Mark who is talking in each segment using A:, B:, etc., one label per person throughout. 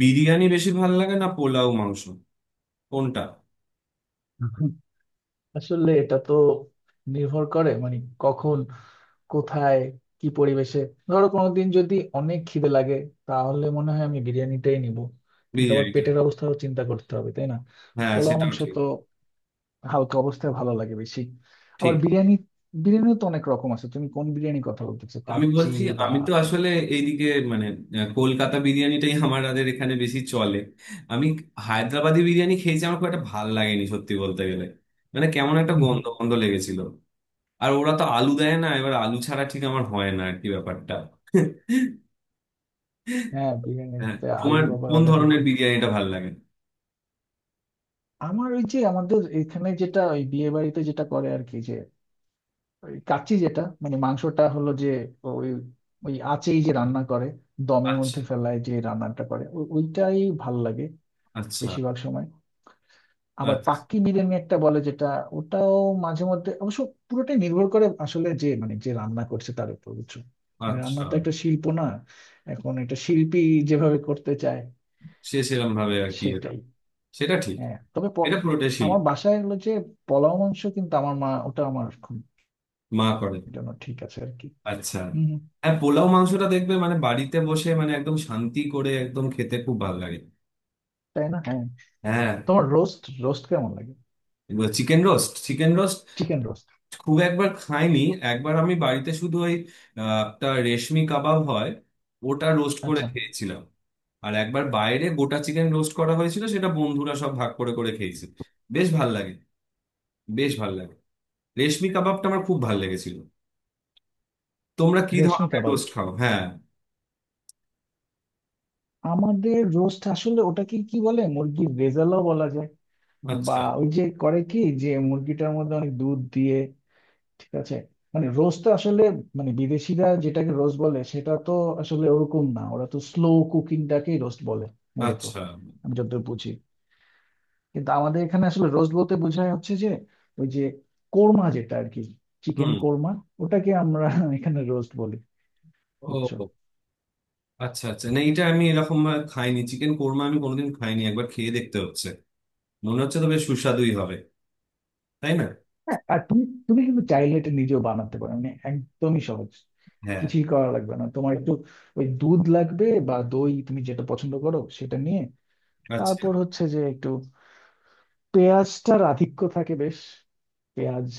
A: বিরিয়ানি বেশি ভাল লাগে না, পোলাও মাংস? কোনটা?
B: আসলে এটা তো নির্ভর করে মানে কখন, কোথায়, কি পরিবেশে। ধরো কোনোদিন যদি অনেক খিদে লাগে, তাহলে মনে হয় আমি বিরিয়ানিটাই নিব, কিন্তু আবার
A: বিরিয়ানিটা,
B: পেটের অবস্থাও চিন্তা করতে হবে, তাই না?
A: হ্যাঁ
B: পোলাও
A: সেটাও
B: মাংস
A: ঠিক।
B: তো হালকা অবস্থায় ভালো লাগে বেশি। আবার
A: ঠিক।
B: বিরিয়ানি, বিরিয়ানিও তো অনেক রকম আছে, তুমি কোন বিরিয়ানি কথা বলতেছো,
A: আমি
B: কাচ্চি
A: বলছি,
B: বা?
A: আমি তো আসলে এইদিকে, মানে কলকাতা বিরিয়ানিটাই আমাদের এখানে বেশি চলে। আমি হায়দ্রাবাদি বিরিয়ানি খেয়েছি, আমার খুব একটা ভাল লাগেনি সত্যি বলতে গেলে। মানে কেমন একটা
B: হুম, হুম।
A: গন্ধ গন্ধ লেগেছিল। আর ওরা তো আলু দেয় না, এবার আলু ছাড়া ঠিক আমার হয় না আর কি ব্যাপারটা।
B: হ্যাঁ,
A: হ্যাঁ,
B: বিরিয়ানিতে
A: তোমার
B: আলু আবার
A: কোন
B: অনেকে
A: ধরনের
B: খুব।
A: বিরিয়ানিটা ভাল লাগে?
B: আমার ওই যে আমাদের এখানে যেটা ওই বিয়ে বাড়িতে যেটা করে আর কি, ওই কাচ্চি, যেটা মানে মাংসটা হলো যে ওই, ওই আঁচেই যে রান্না করে, দমের
A: আচ্ছা,
B: মধ্যে ফেলায় যে রান্নাটা করে, ওইটাই ভাল লাগে
A: আচ্ছা।
B: বেশিরভাগ সময়। আবার
A: আচ্ছা,
B: পাক্কি বিরিয়ানি একটা বলে, যেটা ওটাও মাঝে মধ্যে অবশ্য। পুরোটাই নির্ভর করে আসলে, যে মানে যে রান্না করছে তার উপর, বুঝছো? মানে রান্না
A: আচ্ছা।
B: তো একটা শিল্প না, এখন এটা শিল্পী যেভাবে করতে চায়
A: সে সেরকম ভাবে আর কি।
B: সেটাই।
A: সেটা ঠিক।
B: হ্যাঁ, তবে
A: এটা পুরোটাই
B: আমার
A: শিল্প।
B: বাসায় হলো যে পোলাও মাংস, কিন্তু আমার মা ওটা আমার খুব
A: মা করে?
B: জন্য ঠিক আছে আর কি।
A: আচ্ছা।
B: হম।
A: হ্যাঁ, পোলাও মাংসটা দেখবে মানে বাড়িতে বসে মানে একদম শান্তি করে একদম খেতে খুব ভালো লাগে।
B: তাই না, হ্যাঁ।
A: হ্যাঁ।
B: তোমার রোস্ট, রোস্ট কেমন লাগে?
A: Chicken roast, chicken roast
B: chicken roast.
A: খুব একবার খাইনি। একবার আমি বাড়িতে শুধু ওই একটা রেশমি কাবাব হয়, ওটা রোস্ট করে
B: আচ্ছা।
A: খেয়েছিলাম। আর একবার বাইরে গোটা চিকেন রোস্ট করা হয়েছিল, সেটা বন্ধুরা সব ভাগ করে করে খেয়েছে। বেশ ভাল লাগে, বেশ ভাল লাগে। রেশমি কাবাবটা আমার খুব ভাল লেগেছিল। তোমরা কি
B: রেশমি
A: ধরনের
B: কাবাব,
A: রোস্ট খাও? হ্যাঁ।
B: আমাদের রোস্ট আসলে ওটাকে কি বলে, মুরগির রেজালাও বলা যায়, বা
A: আচ্ছা,
B: ওই যে করে, কি যে মুরগিটার মধ্যে অনেক দুধ দিয়ে, ঠিক আছে। মানে রোস্ট আসলে, মানে বিদেশিরা যেটাকে রোস্ট বলে সেটা তো আসলে ওরকম না, ওরা তো স্লো কুকিংটাকেই রোস্ট বলে মূলত,
A: আচ্ছা।
B: আমি যতদূর বুঝি। কিন্তু আমাদের এখানে আসলে রোস্ট বলতে বোঝায় হচ্ছে যে, ওই যে কোর্মা যেটা আর কি, চিকেন
A: হুম।
B: কোর্মা, ওটাকে আমরা এখানে রোস্ট বলি, বুঝছো?
A: ও, আচ্ছা আচ্ছা, না এটা আমি এরকম ভাবে খাইনি। চিকেন কোরমা আমি কোনোদিন খাইনি, একবার খেয়ে দেখতে হচ্ছে। মনে হচ্ছে তো বেশ সুস্বাদুই হবে, তাই না?
B: হ্যাঁ, আর তুমি, তুমি কিন্তু চাইলে এটা নিজেও বানাতে পারো, মানে একদমই সহজ,
A: হ্যাঁ।
B: কিছুই করা লাগবে না তোমার। একটু ওই দুধ লাগবে বা দই, তুমি যেটা পছন্দ করো সেটা নিয়ে,
A: আচ্ছা।
B: তারপর হচ্ছে যে একটু পেঁয়াজটার আধিক্য থাকে বেশ। পেঁয়াজ,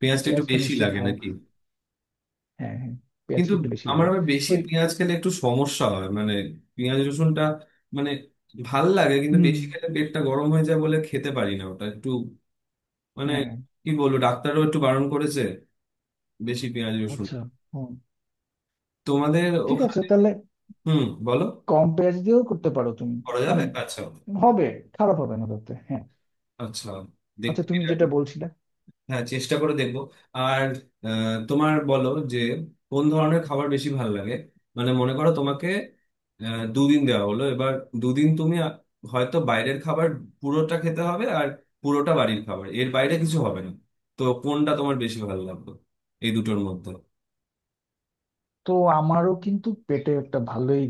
A: পেঁয়াজটা একটু
B: পেঁয়াজ তো
A: বেশি
B: নিশ্চয়ই
A: লাগে
B: খাও?
A: নাকি?
B: হ্যাঁ, হ্যাঁ,
A: কিন্তু
B: পেঁয়াজটা একটু বেশি
A: আমার
B: লাগে।
A: আবার বেশি
B: ওই,
A: পেঁয়াজ খেলে একটু সমস্যা হয়, মানে পেঁয়াজ রসুনটা, মানে ভাল লাগে কিন্তু
B: হুম।
A: বেশি খেলে পেটটা গরম হয়ে যায় বলে খেতে পারি না ওটা একটু, মানে
B: হ্যাঁ,
A: কি বলবো, ডাক্তারও একটু বারণ করেছে বেশি পেঁয়াজ রসুন।
B: আচ্ছা, হুম,
A: তোমাদের
B: ঠিক আছে
A: ওখানে?
B: তাহলে,
A: হুম, বলো।
B: কম পেঁয়াজ দিয়েও করতে পারো তুমি,
A: করা যাবে,
B: মানে
A: আচ্ছা।
B: হবে, খারাপ হবে না তাতে, হ্যাঁ।
A: আচ্ছা,
B: আচ্ছা,
A: দেখতে
B: তুমি
A: এটা
B: যেটা বলছিলে,
A: হ্যাঁ, চেষ্টা করে দেখবো। আর তোমার বলো যে কোন ধরনের খাবার বেশি ভালো লাগে। মানে মনে করো তোমাকে দুদিন দেওয়া হলো। এবার দুদিন তুমি হয়তো বাইরের খাবার পুরোটা খেতে হবে, আর পুরোটা বাড়ির খাবার, এর বাইরে কিছু হবে না। তো কোনটা তোমার বেশি ভালো লাগবে এই দুটোর মধ্যে?
B: তো আমারও কিন্তু পেটে একটা ভালোই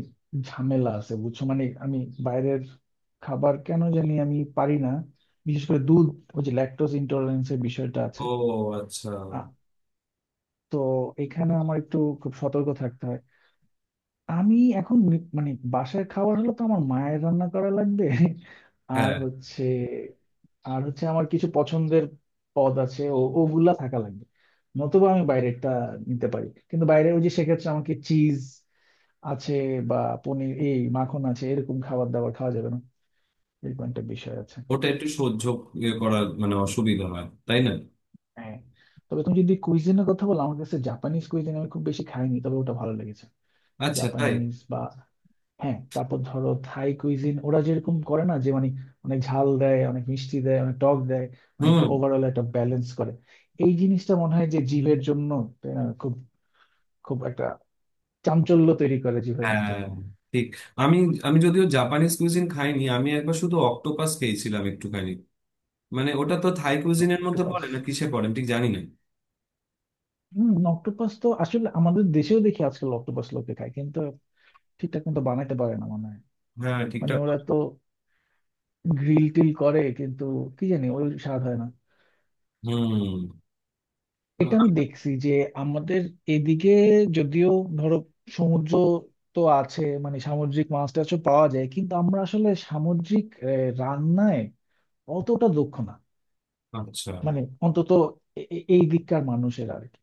B: ঝামেলা আছে, বুঝছো? মানে আমি বাইরের খাবার কেন জানি আমি পারি না, বিশেষ করে দুধ, ওই যে ল্যাকটোজ ইন্টলারেন্স এর বিষয়টা আছে।
A: ও, আচ্ছা।
B: আ- তো এখানে আমার একটু খুব সতর্ক থাকতে হয়। আমি এখন মানে বাসার খাবার হলে তো আমার মায়ের রান্না করা লাগবে, আর
A: হ্যাঁ।
B: হচ্ছে, আর হচ্ছে আমার কিছু পছন্দের পদ আছে, ওগুলা থাকা লাগবে। নতুবা আমি বাইরেরটা নিতে পারি, কিন্তু বাইরে ওই যে সেক্ষেত্রে আমাকে চিজ আছে বা পনির, এই মাখন আছে, এরকম খাবার দাবার খাওয়া যাবে না, এরকম একটা বিষয় আছে।
A: ওটা একটু সহ্য ইয়ে করার মানে অসুবিধা হয়, তাই না?
B: হ্যাঁ, তবে তুমি যদি কুইজিনের কথা বলো, আমার কাছে জাপানিজ কুইজিন আমি খুব বেশি খাইনি, তবে ওটা ভালো লেগেছে।
A: আচ্ছা, তাই।
B: জাপানিজ বা, হ্যাঁ, তারপর ধরো থাই কুইজিন, ওরা যেরকম করে না, যে মানে অনেক ঝাল দেয়, অনেক মিষ্টি দেয়, অনেক টক দেয়, মানে একটা
A: হুম।
B: ওভারঅল একটা ব্যালেন্স করে। এই জিনিসটা মনে হয় যে জীবের জন্য, তাই না, খুব, খুব একটা চাঞ্চল্য তৈরি করে জীবের মধ্যে।
A: হ্যাঁ। ঠিক। আমি আমি যদিও জাপানিজ কুইজিন খাইনি, আমি একবার শুধু অক্টোপাস খেয়েছিলাম একটুখানি। মানে ওটা তো থাই কুইজিনের মধ্যে
B: অক্টোপাস,
A: পড়ে না, কিসে পড়ে আমি ঠিক জানি না।
B: হম, অক্টোপাস তো আসলে আমাদের দেশেও দেখি আজকাল অক্টোপাস লোকে খায়, কিন্তু ঠিকঠাক মতো বানাইতে পারে না মনে হয়।
A: হ্যাঁ,
B: মানে
A: ঠিকঠাক।
B: ওরা তো গ্রিল টিল করে, কিন্তু কি জানি ওই স্বাদ হয় না।
A: হুম।
B: এটা আমি দেখছি যে আমাদের এদিকে যদিও, ধরো সমুদ্র তো আছে, মানে সামুদ্রিক মাছ টাছও পাওয়া যায়, কিন্তু আমরা আসলে সামুদ্রিক রান্নায় অতটা দক্ষ না।
A: আচ্ছা।
B: মানে অন্তত এই দিককার মানুষের আর কি,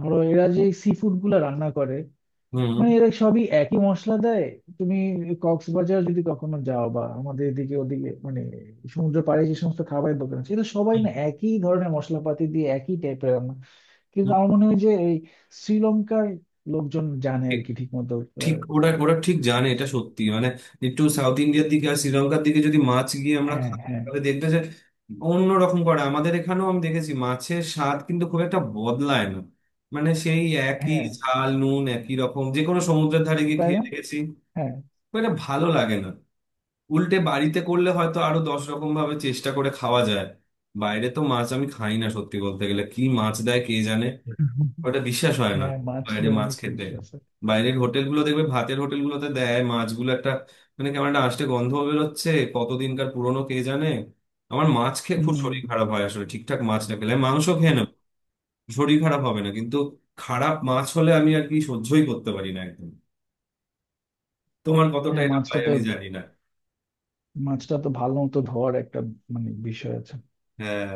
B: ধরো এরা যে সি ফুড গুলা রান্না করে,
A: হুম।
B: মানে এরা সবই একই মশলা দেয়। তুমি কক্সবাজার যদি কখনো যাও, বা আমাদের এদিকে ওদিকে, মানে সমুদ্র পাড়ে যে সমস্ত খাবারের দোকান আছে, এটা সবাই না একই ধরনের মশলাপাতি দিয়ে একই টাইপের রান্না। কিন্তু আমার মনে হয় যে এই শ্রীলঙ্কার লোকজন জানে আর কি, ঠিক মতো।
A: ঠিক। ওরা ওরা ঠিক জানে, এটা সত্যি। মানে একটু সাউথ ইন্ডিয়ার দিকে আর শ্রীলঙ্কার দিকে যদি মাছ গিয়ে আমরা
B: হ্যাঁ,
A: খাই,
B: হ্যাঁ।
A: তাহলে দেখবে যে অন্যরকম করে। আমাদের এখানেও আমি দেখেছি মাছের স্বাদ কিন্তু খুব একটা বদলায় না। মানে সেই একই
B: হ্যাঁ,
A: ঝাল নুন, একই রকম, যে কোনো সমুদ্রের ধারে গিয়ে
B: তাই
A: খেয়ে
B: না।
A: দেখেছি
B: হ্যাঁ,
A: খুব একটা ভালো লাগে না। উল্টে বাড়িতে করলে হয়তো আরো দশ রকম ভাবে চেষ্টা করে খাওয়া যায়। বাইরে তো মাছ আমি খাই না সত্যি বলতে গেলে, কি মাছ দেয় কে জানে, ওটা বিশ্বাস হয় না।
B: হ্যাঁ, মাছ
A: বাইরে
B: নিয়ে
A: মাছ
B: অনেক
A: খেতে,
B: ইস্যু আছে।
A: বাইরের হোটেলগুলো দেখবে ভাতের হোটেলগুলোতে দেয় মাছগুলো একটা, মানে কেমন একটা আষ্টে গন্ধ বেরোচ্ছে, কতদিনকার পুরনো কে জানে। আমার মাছ খেয়ে খুব
B: হুম,
A: শরীর খারাপ হয় আসলে, ঠিকঠাক মাছ না খেলে আমি মাংস খেয়ে নেব, শরীর খারাপ হবে না কিন্তু। খারাপ মাছ হলে আমি আর কি সহ্যই করতে পারি না একদম। তোমার কতটা
B: হ্যাঁ,
A: এটা
B: মাছটা
A: হয়
B: তো,
A: আমি জানি না।
B: মাছটা তো ভালো মতো ধোয়ার একটা, মানে বিষয় আছে।
A: হ্যাঁ।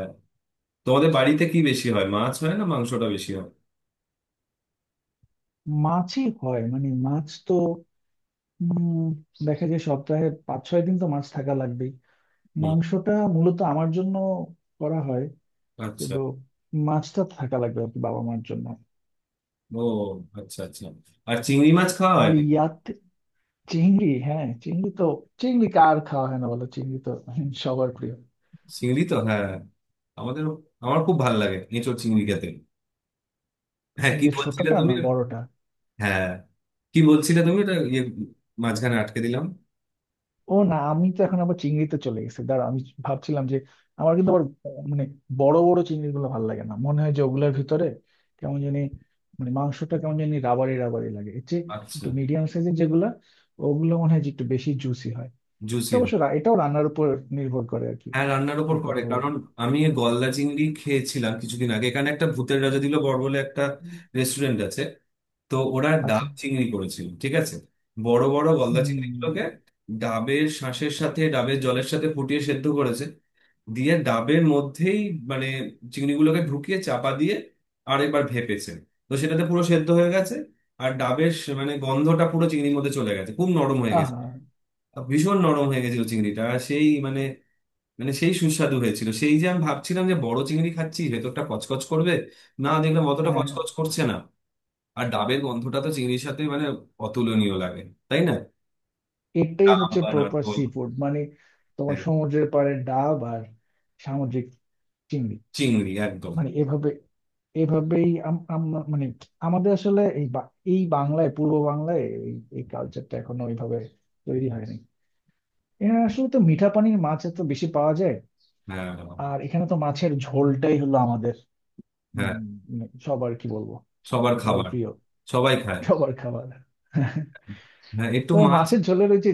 A: তোমাদের বাড়িতে কি বেশি হয়, মাছ হয় না মাংসটা বেশি হয়?
B: মাছই হয়, মানে মাছ তো, উম, দেখা যায় সপ্তাহে পাঁচ ছয় দিন তো মাছ থাকা লাগবেই।
A: হুম।
B: মাংসটা মূলত আমার জন্য করা হয়,
A: আচ্ছা।
B: কিন্তু মাছটা থাকা লাগবে আর কি, বাবা মার জন্য।
A: ও, আচ্ছা আচ্ছা। আর চিংড়ি মাছ খাওয়া হয়
B: আর
A: নাকি?
B: ইয়াতে, চিংড়ি, হ্যাঁ চিংড়ি তো, চিংড়ি কার খাওয়া হয় না বলো, চিংড়ি তো সবার প্রিয়।
A: চিংড়ি তো, হ্যাঁ। আমাদের, আমার খুব ভালো লাগে এঁচোড় চিংড়ি খেতে। হ্যাঁ, কি
B: যে
A: বলছিলে
B: ছোটটা
A: তুমি?
B: না বড়টা?
A: হ্যাঁ, কি বলছিলে তুমি, ওটা ইয়ে, মাঝখানে আটকে দিলাম।
B: ও না, আমি তো এখন আবার চিংড়িতে চলে গেছি, দাঁড়া। আমি ভাবছিলাম যে আমার কিন্তু আবার মানে বড় বড় চিংড়ি গুলো ভালো লাগে না, মনে হয় যে ওগুলোর ভিতরে কেমন জানি, মানে মাংসটা কেমন জানি রাবারি রাবারি লাগে। এর চেয়ে
A: আচ্ছা।
B: একটু মিডিয়াম সাইজের যেগুলা, ওগুলো মনে হয় যে একটু বেশি জুসি হয়। এটা
A: জুসি হয়।
B: অবশ্য এটাও রান্নার উপর নির্ভর করে আর কি,
A: হ্যাঁ, রান্নার
B: কে
A: ওপর পড়ে,
B: কত।
A: কারণ আমি এই গলদা চিংড়ি খেয়েছিলাম কিছুদিন আগে। এখানে একটা ভূতের রাজা দিল বড় বলে একটা রেস্টুরেন্ট আছে, তো ওরা
B: আচ্ছা,
A: ডাব চিংড়ি করেছিল, ঠিক আছে? বড় বড় গলদা
B: হম,
A: চিংড়িগুলোকে ডাবের শাঁসের সাথে ডাবের জলের সাথে ফুটিয়ে সেদ্ধ করেছে, দিয়ে ডাবের মধ্যেই মানে চিংড়িগুলোকে ঢুকিয়ে চাপা দিয়ে আর একবার ভেপেছে। তো সেটাতে পুরো সেদ্ধ হয়ে গেছে, আর ডাবের মানে গন্ধটা পুরো চিংড়ির মধ্যে চলে গেছে, খুব নরম হয়ে গেছে।
B: আহা,
A: আর ভীষণ নরম হয়ে গেছিল চিংড়িটা, আর সেই মানে, মানে সেই সুস্বাদু হয়েছিল, সেই যে আমি ভাবছিলাম যে বড় চিংড়ি খাচ্ছি ভেতরটা কচকচ করবে, না দেখলাম অতটা
B: হ্যাঁ, হ্যাঁ।
A: কচকচ করছে না। আর ডাবের গন্ধটা তো চিংড়ির সাথে মানে অতুলনীয় লাগে, তাই না?
B: এটাই
A: ডাব
B: হচ্ছে
A: বা
B: প্রপার
A: নারকোল।
B: সি ফুড, মানে তোমার
A: হ্যাঁ,
B: সমুদ্রের পাড়ে ডাব আর সামুদ্রিক চিংড়ি,
A: চিংড়ি একদম।
B: মানে এভাবে, এভাবেই আমরা মানে আমাদের আসলে এই এই বাংলায়, পূর্ব বাংলায় এই এই কালচারটা এখনো ওইভাবে তৈরি হয়নি। এখানে আসলে তো মিঠা পানির মাছ এত বেশি পাওয়া যায়,
A: হ্যাঁ,
B: আর এখানে তো মাছের ঝোলটাই হলো আমাদের, উম,
A: হ্যাঁ।
B: মানে সবার, কি বলবো,
A: সবার
B: সবার
A: খাবার।
B: প্রিয়,
A: সবাই খায়।
B: সবার খাবার।
A: হ্যাঁ একটু
B: তবে
A: মাছ।
B: মাছের ঝোলের ওই যে,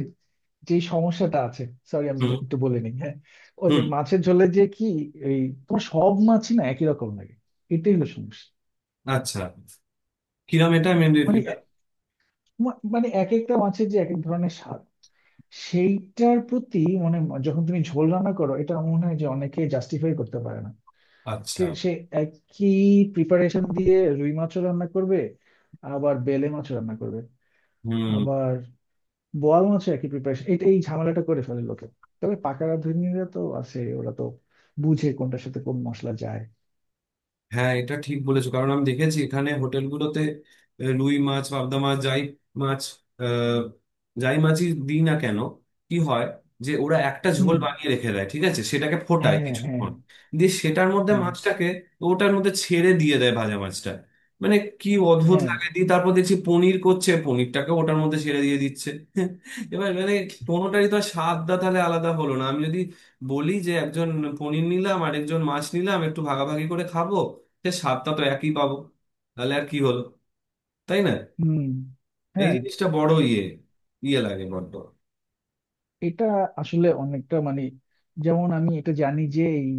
B: যে সমস্যাটা আছে, সরি আমি
A: হুম।
B: তো একটু বলে নিই, হ্যাঁ, ও যে
A: হুম।
B: মাছের ঝোলে যে কি, এই তোমার সব মাছই না একই রকম লাগে, এটাই হলো সমস্যা।
A: আচ্ছা। কিরম, এটা আমি,
B: মানে
A: এটা?
B: মানে এক একটা মাছের যে এক এক ধরনের স্বাদ, সেইটার প্রতি মানে, যখন তুমি ঝোল রান্না করো, এটা আমার মনে হয় যে অনেকে জাস্টিফাই করতে পারে না।
A: আচ্ছা।
B: সে একই প্রিপারেশন দিয়ে রুই মাছও রান্না করবে, আবার বেলে মাছও রান্না করবে,
A: হুম।
B: আবার বোয়াল মাছও একই প্রিপারেশন, এটা এই ঝামেলাটা করে ফেলে লোকে। তবে পাকা রাঁধুনিরা তো আছে, ওরা তো বুঝে কোনটার সাথে কোন মশলা যায়।
A: হ্যাঁ এটা ঠিক বলেছো, কারণ আমি দেখেছি এখানে হোটেলগুলোতে রুই মাছ, পাবদা মাছ, যাই মাছ আহ, যাই মাছই দিই না কেন, কি হয় যে ওরা একটা ঝোল
B: হুম,
A: বানিয়ে রেখে দেয়, ঠিক আছে, সেটাকে ফোটায়
B: হ্যাঁ, হ্যাঁ,
A: কিছুক্ষণ, দিয়ে সেটার মধ্যে
B: হ্যাঁ,
A: মাছটাকে ওটার মধ্যে ছেড়ে দিয়ে দেয় ভাজা মাছটা। মানে কি অদ্ভুত
B: হ্যাঁ,
A: লাগে, দিয়ে তারপর দেখছি পনির করছে পনিরটাকে ওটার মধ্যে ছেড়ে দিয়ে দিচ্ছে। এবার মানে কোনোটারই তো আর স্বাদটা তাহলে আলাদা হলো না। আমি যদি বলি যে একজন পনির নিলাম আর একজন মাছ নিলাম একটু ভাগাভাগি করে খাবো, সে স্বাদটা তো একই পাবো। তাহলে আর কি হলো, তাই না?
B: হুম,
A: এই
B: হ্যাঁ।
A: জিনিসটা বড় ইয়ে, ইয়ে লাগে বড্ড।
B: এটা আসলে অনেকটা মানে, যেমন আমি এটা জানি যে এই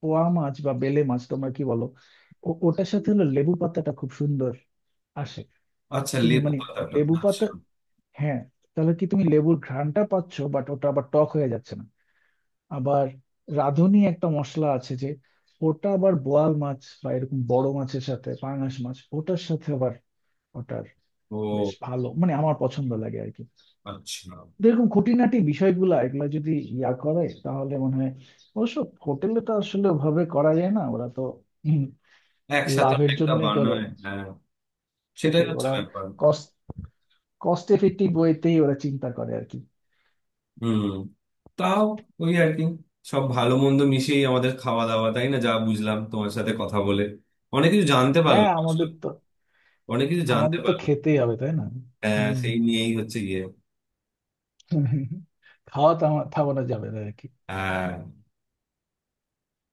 B: পোয়া মাছ বা বেলে মাছ তোমরা কি বলো, ওটার সাথে হলো লেবু পাতাটা খুব সুন্দর আসে।
A: আচ্ছা,
B: তুমি
A: লেবু
B: মানে
A: পাতাটা।
B: লেবু
A: আচ্ছা।
B: পাতা, হ্যাঁ, তাহলে কি তুমি লেবুর ঘ্রাণটা পাচ্ছ, বাট ওটা আবার টক হয়ে যাচ্ছে না। আবার রাঁধুনি একটা মশলা আছে যে, ওটা আবার বোয়াল মাছ বা এরকম বড় মাছের সাথে, পাঙাশ মাছ ওটার সাথে আবার, ওটার বেশ
A: ও,
B: ভালো মানে আমার পছন্দ লাগে আর কি।
A: আচ্ছা।
B: এরকম খুঁটিনাটি বিষয়গুলো এগুলো যদি ইয়া করে তাহলে মনে হয়, অবশ্য হোটেলে তো আসলে ওভাবে করা যায় না, ওরা তো, হুম,
A: একসাথে
B: লাভের
A: অনেকটা
B: জন্যই করে,
A: বানায়, হ্যাঁ। সেটাই
B: সেটাই
A: হচ্ছে
B: ওরা
A: ব্যাপার।
B: কস্ট, কস্ট এফেক্টিভ ওয়েতেই ওরা চিন্তা করে আর কি।
A: হুম। তাও, ওই আর কি, সব ভালো মন্দ মিশিয়েই আমাদের খাওয়া দাওয়া, তাই না? যা বুঝলাম তোমার সাথে কথা বলে অনেক কিছু জানতে
B: হ্যাঁ,
A: পারলাম আসলে।
B: আমাদের তো,
A: অনেক কিছু জানতে
B: আমাদের তো
A: পারলাম।
B: খেতেই হবে, তাই না?
A: হ্যাঁ
B: হম।
A: সেই নিয়েই হচ্ছে গিয়ে।
B: খাওয়া থামানো যাবে না আর কি।
A: হ্যাঁ।